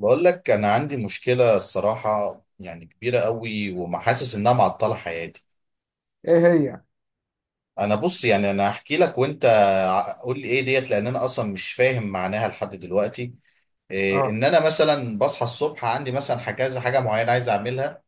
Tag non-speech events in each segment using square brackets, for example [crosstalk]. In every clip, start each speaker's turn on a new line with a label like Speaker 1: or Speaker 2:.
Speaker 1: بقول لك انا عندي مشكله الصراحه يعني كبيره قوي ومحاسس انها معطله حياتي.
Speaker 2: ايه هي؟
Speaker 1: انا بص يعني انا هحكي لك وانت قول لي ايه ديت، لان انا اصلا مش فاهم معناها لحد دلوقتي. إيه
Speaker 2: اه،
Speaker 1: ان انا مثلا بصحى الصبح عندي مثلا كذا حاجه معينه عايز اعملها.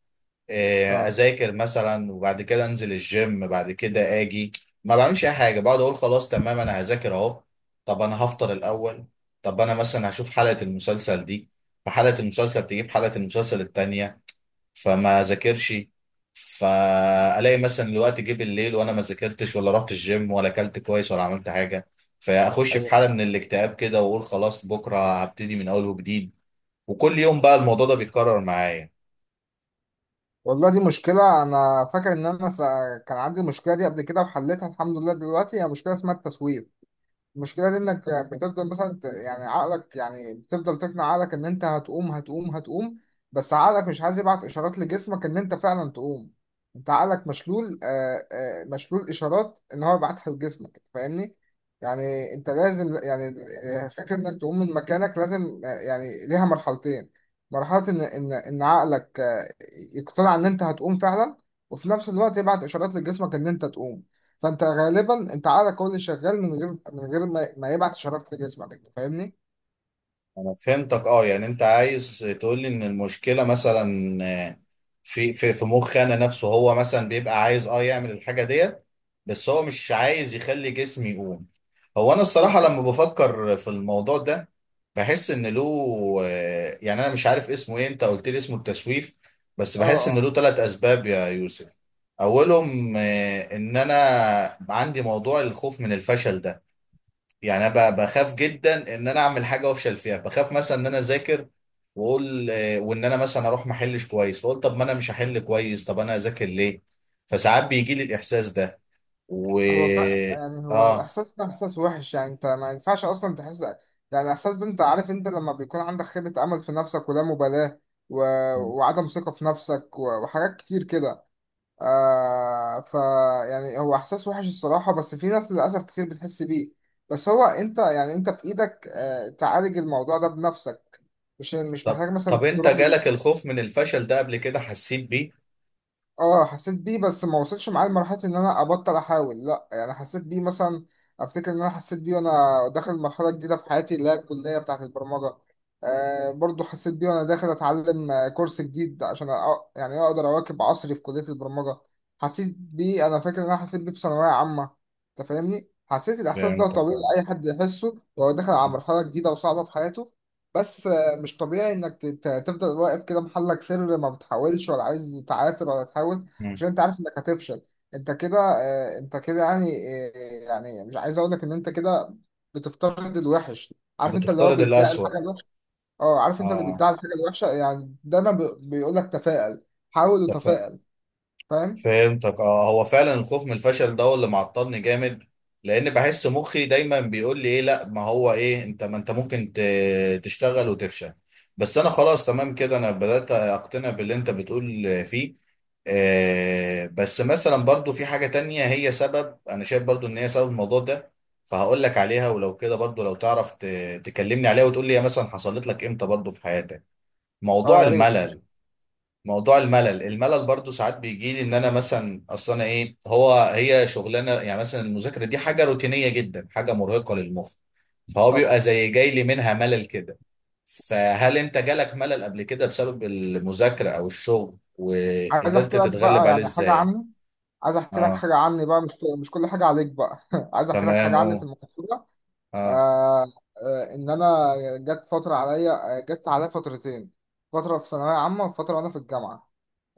Speaker 1: إيه
Speaker 2: اه،
Speaker 1: اذاكر مثلا، وبعد كده انزل الجيم، بعد كده اجي ما بعملش اي حاجه، بقعد اقول خلاص تمام انا هذاكر اهو. طب انا هفطر الاول. طب انا مثلا هشوف حلقه المسلسل دي، فحلقه المسلسل تجيب حلقه المسلسل التانيه، فما ذاكرش. فالاقي مثلا الوقت جه بالليل وانا ما ذاكرتش ولا رحت الجيم ولا اكلت كويس ولا عملت حاجه. فاخش في
Speaker 2: ايوه.
Speaker 1: حاله من الاكتئاب كده واقول خلاص بكره هبتدي من اول وجديد. وكل يوم بقى الموضوع ده بيتكرر معايا.
Speaker 2: والله، دي مشكلة. انا فاكر ان انا كان عندي المشكلة دي قبل كده وحليتها، الحمد لله. دلوقتي هي مشكلة اسمها التسويف. المشكلة دي انك بتفضل مثلا يعني عقلك، يعني بتفضل تقنع عقلك ان انت هتقوم، بس عقلك مش عايز يبعت اشارات لجسمك ان انت فعلا تقوم. انت عقلك مشلول، آه، مشلول اشارات ان هو يبعتها لجسمك، فاهمني؟ يعني انت لازم، يعني فكرة انك تقوم من مكانك لازم، يعني ليها مرحلتين. مرحلة ان عقلك يقتنع ان انت هتقوم فعلا، وفي نفس الوقت يبعت اشارات لجسمك ان انت تقوم. فانت غالبا انت عقلك هو اللي شغال من غير ما يبعت اشارات لجسمك. انت فاهمني؟
Speaker 1: انا فهمتك، اه، يعني انت عايز تقول لي ان المشكله مثلا آه، في مخ انا نفسه، هو مثلا بيبقى عايز يعمل الحاجه ديت، بس هو مش عايز يخلي جسمي يقوم. هو انا الصراحه
Speaker 2: بالظبط.
Speaker 1: لما بفكر في الموضوع ده بحس ان له يعني انا مش عارف اسمه ايه، انت قلت لي اسمه التسويف، بس
Speaker 2: اه،
Speaker 1: بحس ان
Speaker 2: اه.
Speaker 1: له ثلاث اسباب يا يوسف. اولهم ان انا عندي موضوع الخوف من الفشل ده. يعني انا بخاف جدا ان انا اعمل حاجه وافشل فيها، بخاف مثلا ان انا اذاكر واقول وان انا مثلا اروح ما احلش كويس، فقلت طب ما انا مش هحل كويس طب انا اذاكر ليه. فساعات بيجي لي الاحساس ده و.
Speaker 2: هو يعني هو
Speaker 1: اه.
Speaker 2: الاحساس ده احساس وحش. يعني انت ما ينفعش اصلا تحس. يعني الاحساس ده، انت عارف، انت لما بيكون عندك خيبة امل في نفسك، ولا مبالاة، و... وعدم ثقة في نفسك، وحاجات كتير كده، آه ف يعني هو احساس وحش الصراحة. بس في ناس للاسف كتير بتحس بيه. بس هو انت، يعني انت في ايدك تعالج الموضوع ده بنفسك. مش
Speaker 1: طب
Speaker 2: محتاج
Speaker 1: طب
Speaker 2: مثلا
Speaker 1: انت
Speaker 2: تروح.
Speaker 1: جالك الخوف من الفشل ده قبل كده، حسيت بيه؟
Speaker 2: اه، حسيت بيه، بس ما وصلش معايا لمرحلة ان انا ابطل احاول، لا. يعني حسيت بيه مثلا، افتكر ان انا حسيت بيه وانا داخل مرحلة جديدة في حياتي، اللي هي الكلية بتاعة البرمجة. آه، برضو حسيت بيه وانا داخل اتعلم كورس جديد عشان يعني اقدر اواكب عصري في كلية البرمجة. حسيت بيه، انا فاكر ان انا حسيت بيه في ثانوية عامة. انت فاهمني؟ حسيت الاحساس ده،
Speaker 1: فهمتك،
Speaker 2: طبيعي
Speaker 1: آه.
Speaker 2: اي حد يحسه وهو داخل على
Speaker 1: م-
Speaker 2: مرحلة جديدة وصعبة في حياته. بس مش طبيعي انك تفضل واقف كده محلك سر، ما بتحاولش، ولا عايز تعافر ولا تحاول،
Speaker 1: م.
Speaker 2: عشان انت عارف انك هتفشل. انت كده، انت كده يعني، يعني مش عايز اقول لك ان انت كده بتفترض الوحش. عارف، انت اللي هو
Speaker 1: بتفترض
Speaker 2: بيدعي
Speaker 1: الأسوأ.
Speaker 2: الحاجه الوحشه. اه، عارف، انت اللي
Speaker 1: اه،
Speaker 2: بيدعي الحاجه الوحشه. يعني دايما بيقول لك تفائل. حاول وتفائل. فاهم؟
Speaker 1: فهمتك، اه، هو فعلا الخوف من الفشل ده هو اللي معطلني جامد، لان بحس مخي دايما بيقول لي ايه: لا، ما هو ايه، انت ما انت ممكن تشتغل وتفشل. بس انا خلاص تمام كده انا بدأت اقتنع باللي انت بتقول فيه. بس مثلا برضو في حاجة تانية هي سبب، انا شايف برضو ان هي سبب الموضوع ده، فهقول لك عليها، ولو كده برضو لو تعرف تكلمني عليها وتقول لي هي مثلا حصلت لك امتى برضو في حياتك.
Speaker 2: اه،
Speaker 1: موضوع
Speaker 2: يا ريت. ماشي.
Speaker 1: الملل. موضوع الملل برضو ساعات بيجي لي ان انا مثلا اصلا ايه هو هي شغلانه، يعني مثلا المذاكره دي حاجه روتينيه جدا، حاجه مرهقه للمخ، فهو
Speaker 2: طبعا.
Speaker 1: بيبقى زي جاي لي منها ملل كده. فهل انت جالك ملل قبل كده بسبب المذاكره او الشغل،
Speaker 2: عايز
Speaker 1: وقدرت
Speaker 2: احكي لك بقى
Speaker 1: تتغلب عليه
Speaker 2: يعني حاجه
Speaker 1: ازاي؟
Speaker 2: عني. عايز احكي لك
Speaker 1: اه،
Speaker 2: حاجه عني بقى. مش كل حاجه عليك بقى [laughs] عايز احكي لك
Speaker 1: تمام،
Speaker 2: حاجه
Speaker 1: اه.
Speaker 2: عني في الموضوع.
Speaker 1: اه.
Speaker 2: آه آه، ان انا جت فتره عليا، جت عليا فترتين. فتره في ثانويه عامه، وفتره وانا في الجامعه.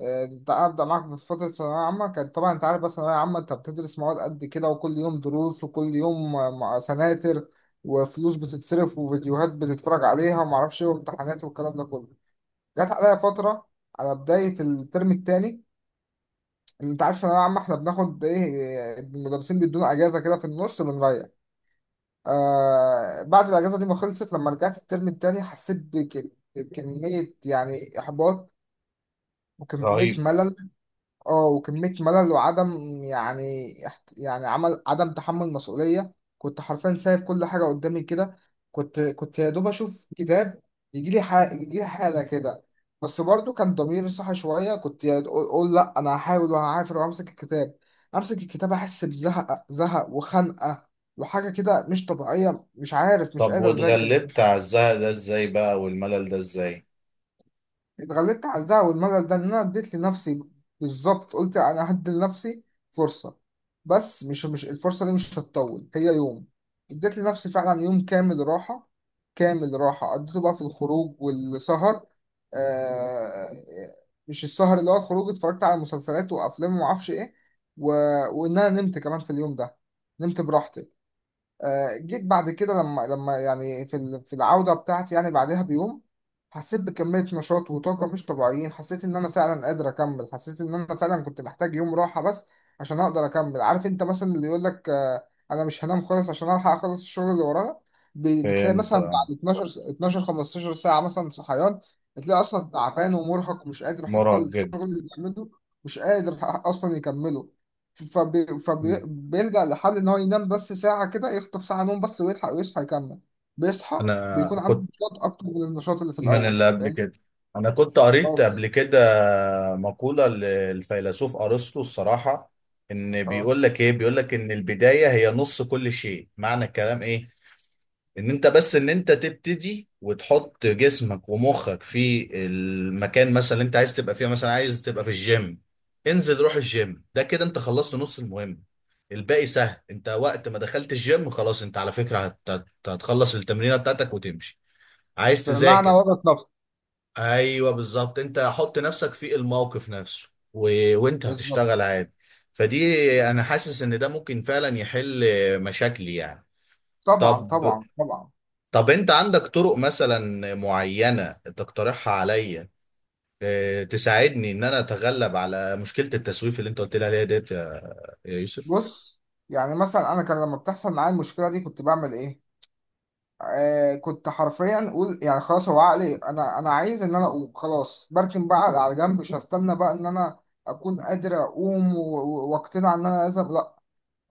Speaker 2: آه انت ابدا معاك. في فتره ثانويه عامه كانت، طبعا انت عارف بقى ثانويه عامه، انت بتدرس مواد قد كده، وكل يوم دروس، وكل يوم سناتر، وفلوس بتتصرف، وفيديوهات بتتفرج عليها، وما اعرفش ايه، وامتحانات، والكلام ده كله. جت عليا فتره على بدايه الترم الثاني. انت عارف ثانويه عامه احنا بناخد ايه، المدرسين بيدونا اجازه كده في النص، بنريح. آه، بعد الأجازة دي ما خلصت، لما رجعت الترم التاني حسيت بكمية، يعني إحباط، وكمية
Speaker 1: رهيب.
Speaker 2: ملل. اه، وكمية ملل، وعدم يعني يعني عمل عدم تحمل مسؤولية. كنت حرفيا سايب كل حاجة قدامي كده. كنت يا دوب أشوف كتاب، يجيلي حاجة، يجيلي حالة كده. بس برضو كان ضميري صاحي شوية. كنت أقول: لأ، أنا هحاول وهعافر وأمسك الكتاب. أمسك الكتاب أحس بزهق، وخنقة، وحاجة كده مش طبيعية، مش عارف، مش
Speaker 1: طب
Speaker 2: قادر أذاكر.
Speaker 1: واتغلبت على الزهق ده ازاي بقى والملل ده ازاي؟
Speaker 2: اتغلبت على الزعل والملل ده ان انا اديت لنفسي، بالظبط. قلت انا هدي لنفسي فرصه، بس مش الفرصه دي مش هتطول، هي يوم. اديت لنفسي فعلا يوم كامل راحه، كامل راحه، قضيته بقى في الخروج والسهر. آه، مش السهر اللي هو الخروج، اتفرجت على مسلسلات وافلام وما اعرفش ايه، و... وان انا نمت كمان في اليوم ده، نمت براحتي. آه، جيت بعد كده لما، يعني في في العودة بتاعتي يعني بعدها بيوم، حسيت بكمية نشاط وطاقة مش طبيعيين. حسيت إن أنا فعلا قادر أكمل. حسيت إن أنا فعلا كنت محتاج يوم راحة بس عشان أقدر أكمل. عارف أنت مثلا اللي يقول لك أنا مش هنام خالص عشان ألحق أخلص الشغل اللي ورايا، بتلاقي
Speaker 1: فهمت،
Speaker 2: مثلا
Speaker 1: آه.
Speaker 2: بعد 12 12 15 ساعة مثلا صحيان. بتلاقي أصلا تعبان ومرهق، ومش قادر حتى
Speaker 1: مرهق جدا.
Speaker 2: الشغل اللي بيعمله مش قادر أصلا يكمله.
Speaker 1: مم.
Speaker 2: فبيلجأ لحل إن هو ينام بس ساعة كده، يخطف ساعة نوم بس ويلحق ويصحى يكمل. بيصحى
Speaker 1: انا
Speaker 2: بيكون عنده
Speaker 1: كنت.
Speaker 2: نشاط أكتر من النشاط اللي في
Speaker 1: من
Speaker 2: الأول،
Speaker 1: اللي
Speaker 2: أنت
Speaker 1: قبل
Speaker 2: فاهم؟
Speaker 1: كده. انا كنت قريت
Speaker 2: أه،
Speaker 1: قبل كده مقولة للفيلسوف ارسطو الصراحة، ان
Speaker 2: أه.
Speaker 1: بيقول لك ايه، بيقول لك ان البداية هي نص كل شيء. معنى الكلام ايه، ان انت تبتدي وتحط جسمك ومخك في المكان مثلا اللي انت عايز تبقى فيه، مثلا عايز تبقى في الجيم، انزل روح الجيم، ده كده انت خلصت نص المهم. الباقي سهل، انت وقت ما دخلت الجيم خلاص، انت على فكرة هتخلص التمرينة بتاعتك وتمشي. عايز
Speaker 2: بمعنى
Speaker 1: تذاكر.
Speaker 2: ورط نفسه،
Speaker 1: ايوه بالظبط، انت حط نفسك في الموقف نفسه وانت
Speaker 2: بالظبط.
Speaker 1: هتشتغل عادي. فدي
Speaker 2: بالظبط.
Speaker 1: انا حاسس ان ده ممكن فعلا يحل مشاكلي يعني.
Speaker 2: طبعا،
Speaker 1: طب
Speaker 2: طبعا، طبعا.
Speaker 1: طب انت عندك طرق مثلا معينة تقترحها عليا تساعدني ان انا اتغلب على مشكلة التسويف اللي انت قلت لي عليها ديت يا يوسف؟
Speaker 2: بص، يعني مثلا أنا كان لما بتحصل معايا المشكلة دي كنت بعمل إيه؟ آه، كنت حرفيا أقول: يعني خلاص، هو عقلي أنا عايز إن أنا أقوم، خلاص بركن بقى على جنب، مش هستنى بقى إن أنا أكون قادر أقوم وأقتنع إن أنا لازم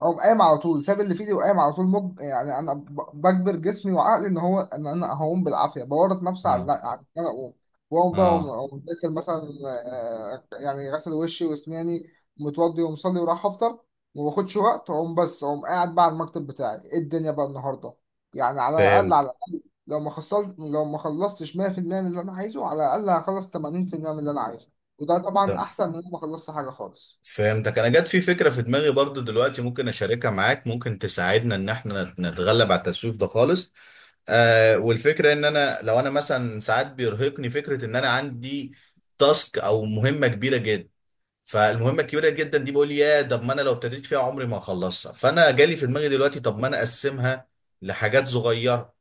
Speaker 2: اقوم. قايم على طول، ساب اللي في ايدي وقايم على طول. يعني انا بجبر جسمي وعقلي ان هو ان انا هقوم بالعافيه، بورط نفسي على
Speaker 1: اه.
Speaker 2: على ان انا اقوم. واقوم بقى،
Speaker 1: اه.
Speaker 2: أقوم داخل مثلا يعني غسل وشي واسناني، متوضي ومصلي، وراح افطر. وما باخدش وقت اقوم، بس اقوم قاعد بقى على المكتب بتاعي ايه الدنيا بقى النهارده. يعني على الاقل،
Speaker 1: فهمت.
Speaker 2: على الاقل لو ما خلصت، لو ما خلصتش 100% من اللي انا عايزه، على الاقل هخلص 80% من اللي انا عايزه. وده طبعا احسن من إن أنا ما خلصت حاجه خالص.
Speaker 1: فهمتك. انا جت في فكرة في دماغي برضو دلوقتي، ممكن اشاركها معاك، ممكن تساعدنا ان احنا نتغلب على التسويف ده خالص. والفكرة ان لو انا مثلا ساعات بيرهقني فكرة ان انا عندي تاسك او مهمة كبيرة جدا، فالمهمة الكبيرة جدا دي بقول يا طب ما انا لو ابتديت فيها عمري ما هخلصها، فانا جالي في دماغي دلوقتي طب ما انا اقسمها لحاجات صغيرة.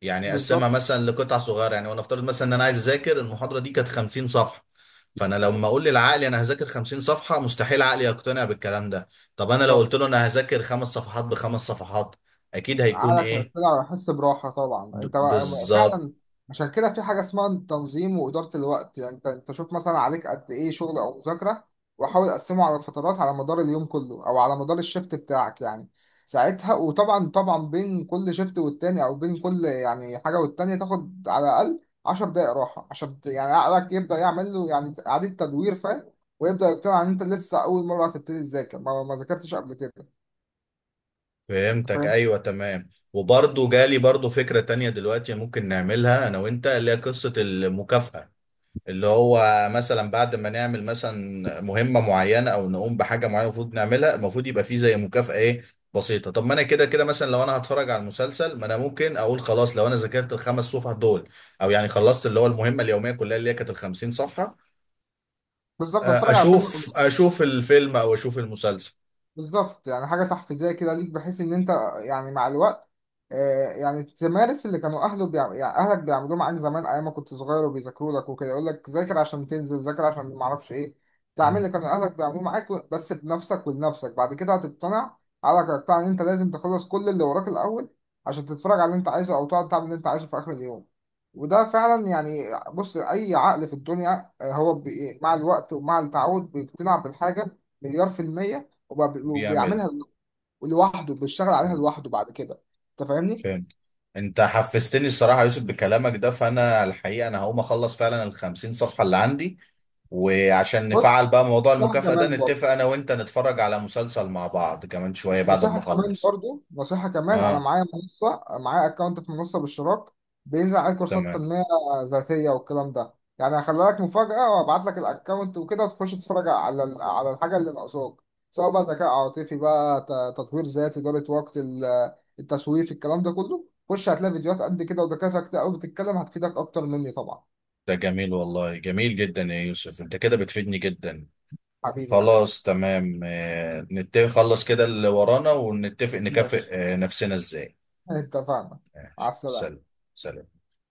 Speaker 1: يعني اقسمها
Speaker 2: بالظبط،
Speaker 1: مثلا لقطع صغيرة يعني، وانا افترض مثلا ان انا عايز اذاكر المحاضرة دي كانت 50 صفحة، فانا
Speaker 2: بالظبط،
Speaker 1: لما اقول للعقل انا هذاكر 50 صفحة مستحيل عقلي يقتنع بالكلام ده. طب انا لو
Speaker 2: بالظبط.
Speaker 1: قلت له انا هذاكر خمس صفحات بخمس صفحات اكيد هيكون
Speaker 2: عقلك
Speaker 1: ايه؟
Speaker 2: هيطلع ويحس براحة، طبعا. انت بقى،
Speaker 1: بالظبط.
Speaker 2: فعلا. عشان كده في حاجة اسمها تنظيم وإدارة الوقت. يعني انت شوف مثلا عليك قد ايه شغل او مذاكرة، وحاول اقسمه على فترات على مدار اليوم كله، او على مدار الشفت بتاعك يعني ساعتها. وطبعا، طبعا، بين كل شفت والتاني، او بين كل يعني حاجة والتانية، تاخد على الاقل 10 دقائق راحة، عشان يعني عقلك يبدأ يعمل له يعني إعادة تدوير، فاهم؟ ويبدأ يقتنع ان انت لسه اول مرة هتبتدي تذاكر، ما ذاكرتش قبل كده. أنت
Speaker 1: فهمتك،
Speaker 2: فاهم؟
Speaker 1: ايوه تمام. وبرضه جالي برضه فكره تانية دلوقتي ممكن نعملها انا وانت، اللي هي قصه المكافاه، اللي هو مثلا بعد ما نعمل مثلا مهمه معينه او نقوم بحاجه معينه المفروض نعملها، المفروض يبقى في زي مكافاه ايه بسيطه. طب ما انا كده كده مثلا لو انا هتفرج على المسلسل، ما انا ممكن اقول خلاص لو انا ذاكرت الخمس صفح دول، او يعني خلصت اللي هو المهمه اليوميه كلها اللي هي كانت ال 50 صفحه،
Speaker 2: بالظبط، اتفرج على فيلم.
Speaker 1: اشوف الفيلم او اشوف المسلسل.
Speaker 2: بالظبط. يعني حاجة تحفيزية كده ليك، بحيث إن أنت يعني مع الوقت يعني تمارس اللي كانوا يعني أهلك بيعملوه معاك زمان أيام ما كنت صغير وبيذاكروا لك وكده. يقول لك: ذاكر عشان تنزل، ذاكر عشان معرفش إيه. تعمل
Speaker 1: مم.
Speaker 2: اللي كانوا أهلك بيعملوه معاك، بس بنفسك ولنفسك. بعد كده هتقتنع، عقلك هيقتنع إن أنت لازم تخلص كل اللي وراك الأول عشان تتفرج على اللي أنت عايزه، أو تقعد تعمل اللي أنت عايزه في آخر اليوم. وده فعلا يعني، بص، أي عقل في الدنيا هو مع الوقت ومع التعود بيقتنع بالحاجة مليار في المية،
Speaker 1: بيعملها.
Speaker 2: وبيعملها لوحده، بيشتغل عليها لوحده بعد كده. انت فاهمني؟
Speaker 1: فهمت. انت حفزتني الصراحه يا يوسف بكلامك ده، فانا الحقيقه انا هقوم اخلص فعلا ال 50 صفحه اللي عندي، وعشان
Speaker 2: بص،
Speaker 1: نفعل بقى موضوع
Speaker 2: نصيحة
Speaker 1: المكافاه ده
Speaker 2: كمان برضه.
Speaker 1: نتفق انا وانت نتفرج على مسلسل مع بعض كمان شويه
Speaker 2: مش
Speaker 1: بعد ما
Speaker 2: نصيحة كمان
Speaker 1: اخلص.
Speaker 2: برضه نصيحة كمان: أنا
Speaker 1: اه،
Speaker 2: معايا منصة، معايا أكونت في منصة باشتراك بينزل عليه كورسات
Speaker 1: تمام.
Speaker 2: تنمية ذاتية والكلام ده. يعني هخلي لك مفاجأة وأبعت لك الأكونت وكده، وتخش تتفرج على على الحاجة اللي ناقصاك، سواء بقى ذكاء عاطفي بقى، تطوير ذاتي، إدارة وقت، التسويف، الكلام ده كله. خش هتلاقي فيديوهات قد كده، ودكاترة كتير قوي بتتكلم، هتفيدك أكتر مني طبعا.
Speaker 1: ده جميل والله، جميل جدا يا يوسف، انت كده بتفيدني جدا.
Speaker 2: حبيبي يا غالي.
Speaker 1: خلاص تمام، نتفق خلص كده اللي ورانا ونتفق نكافئ
Speaker 2: ماشي،
Speaker 1: نفسنا ازاي.
Speaker 2: اتفقنا. على
Speaker 1: ماشي،
Speaker 2: السلامة.
Speaker 1: سلام. سلام.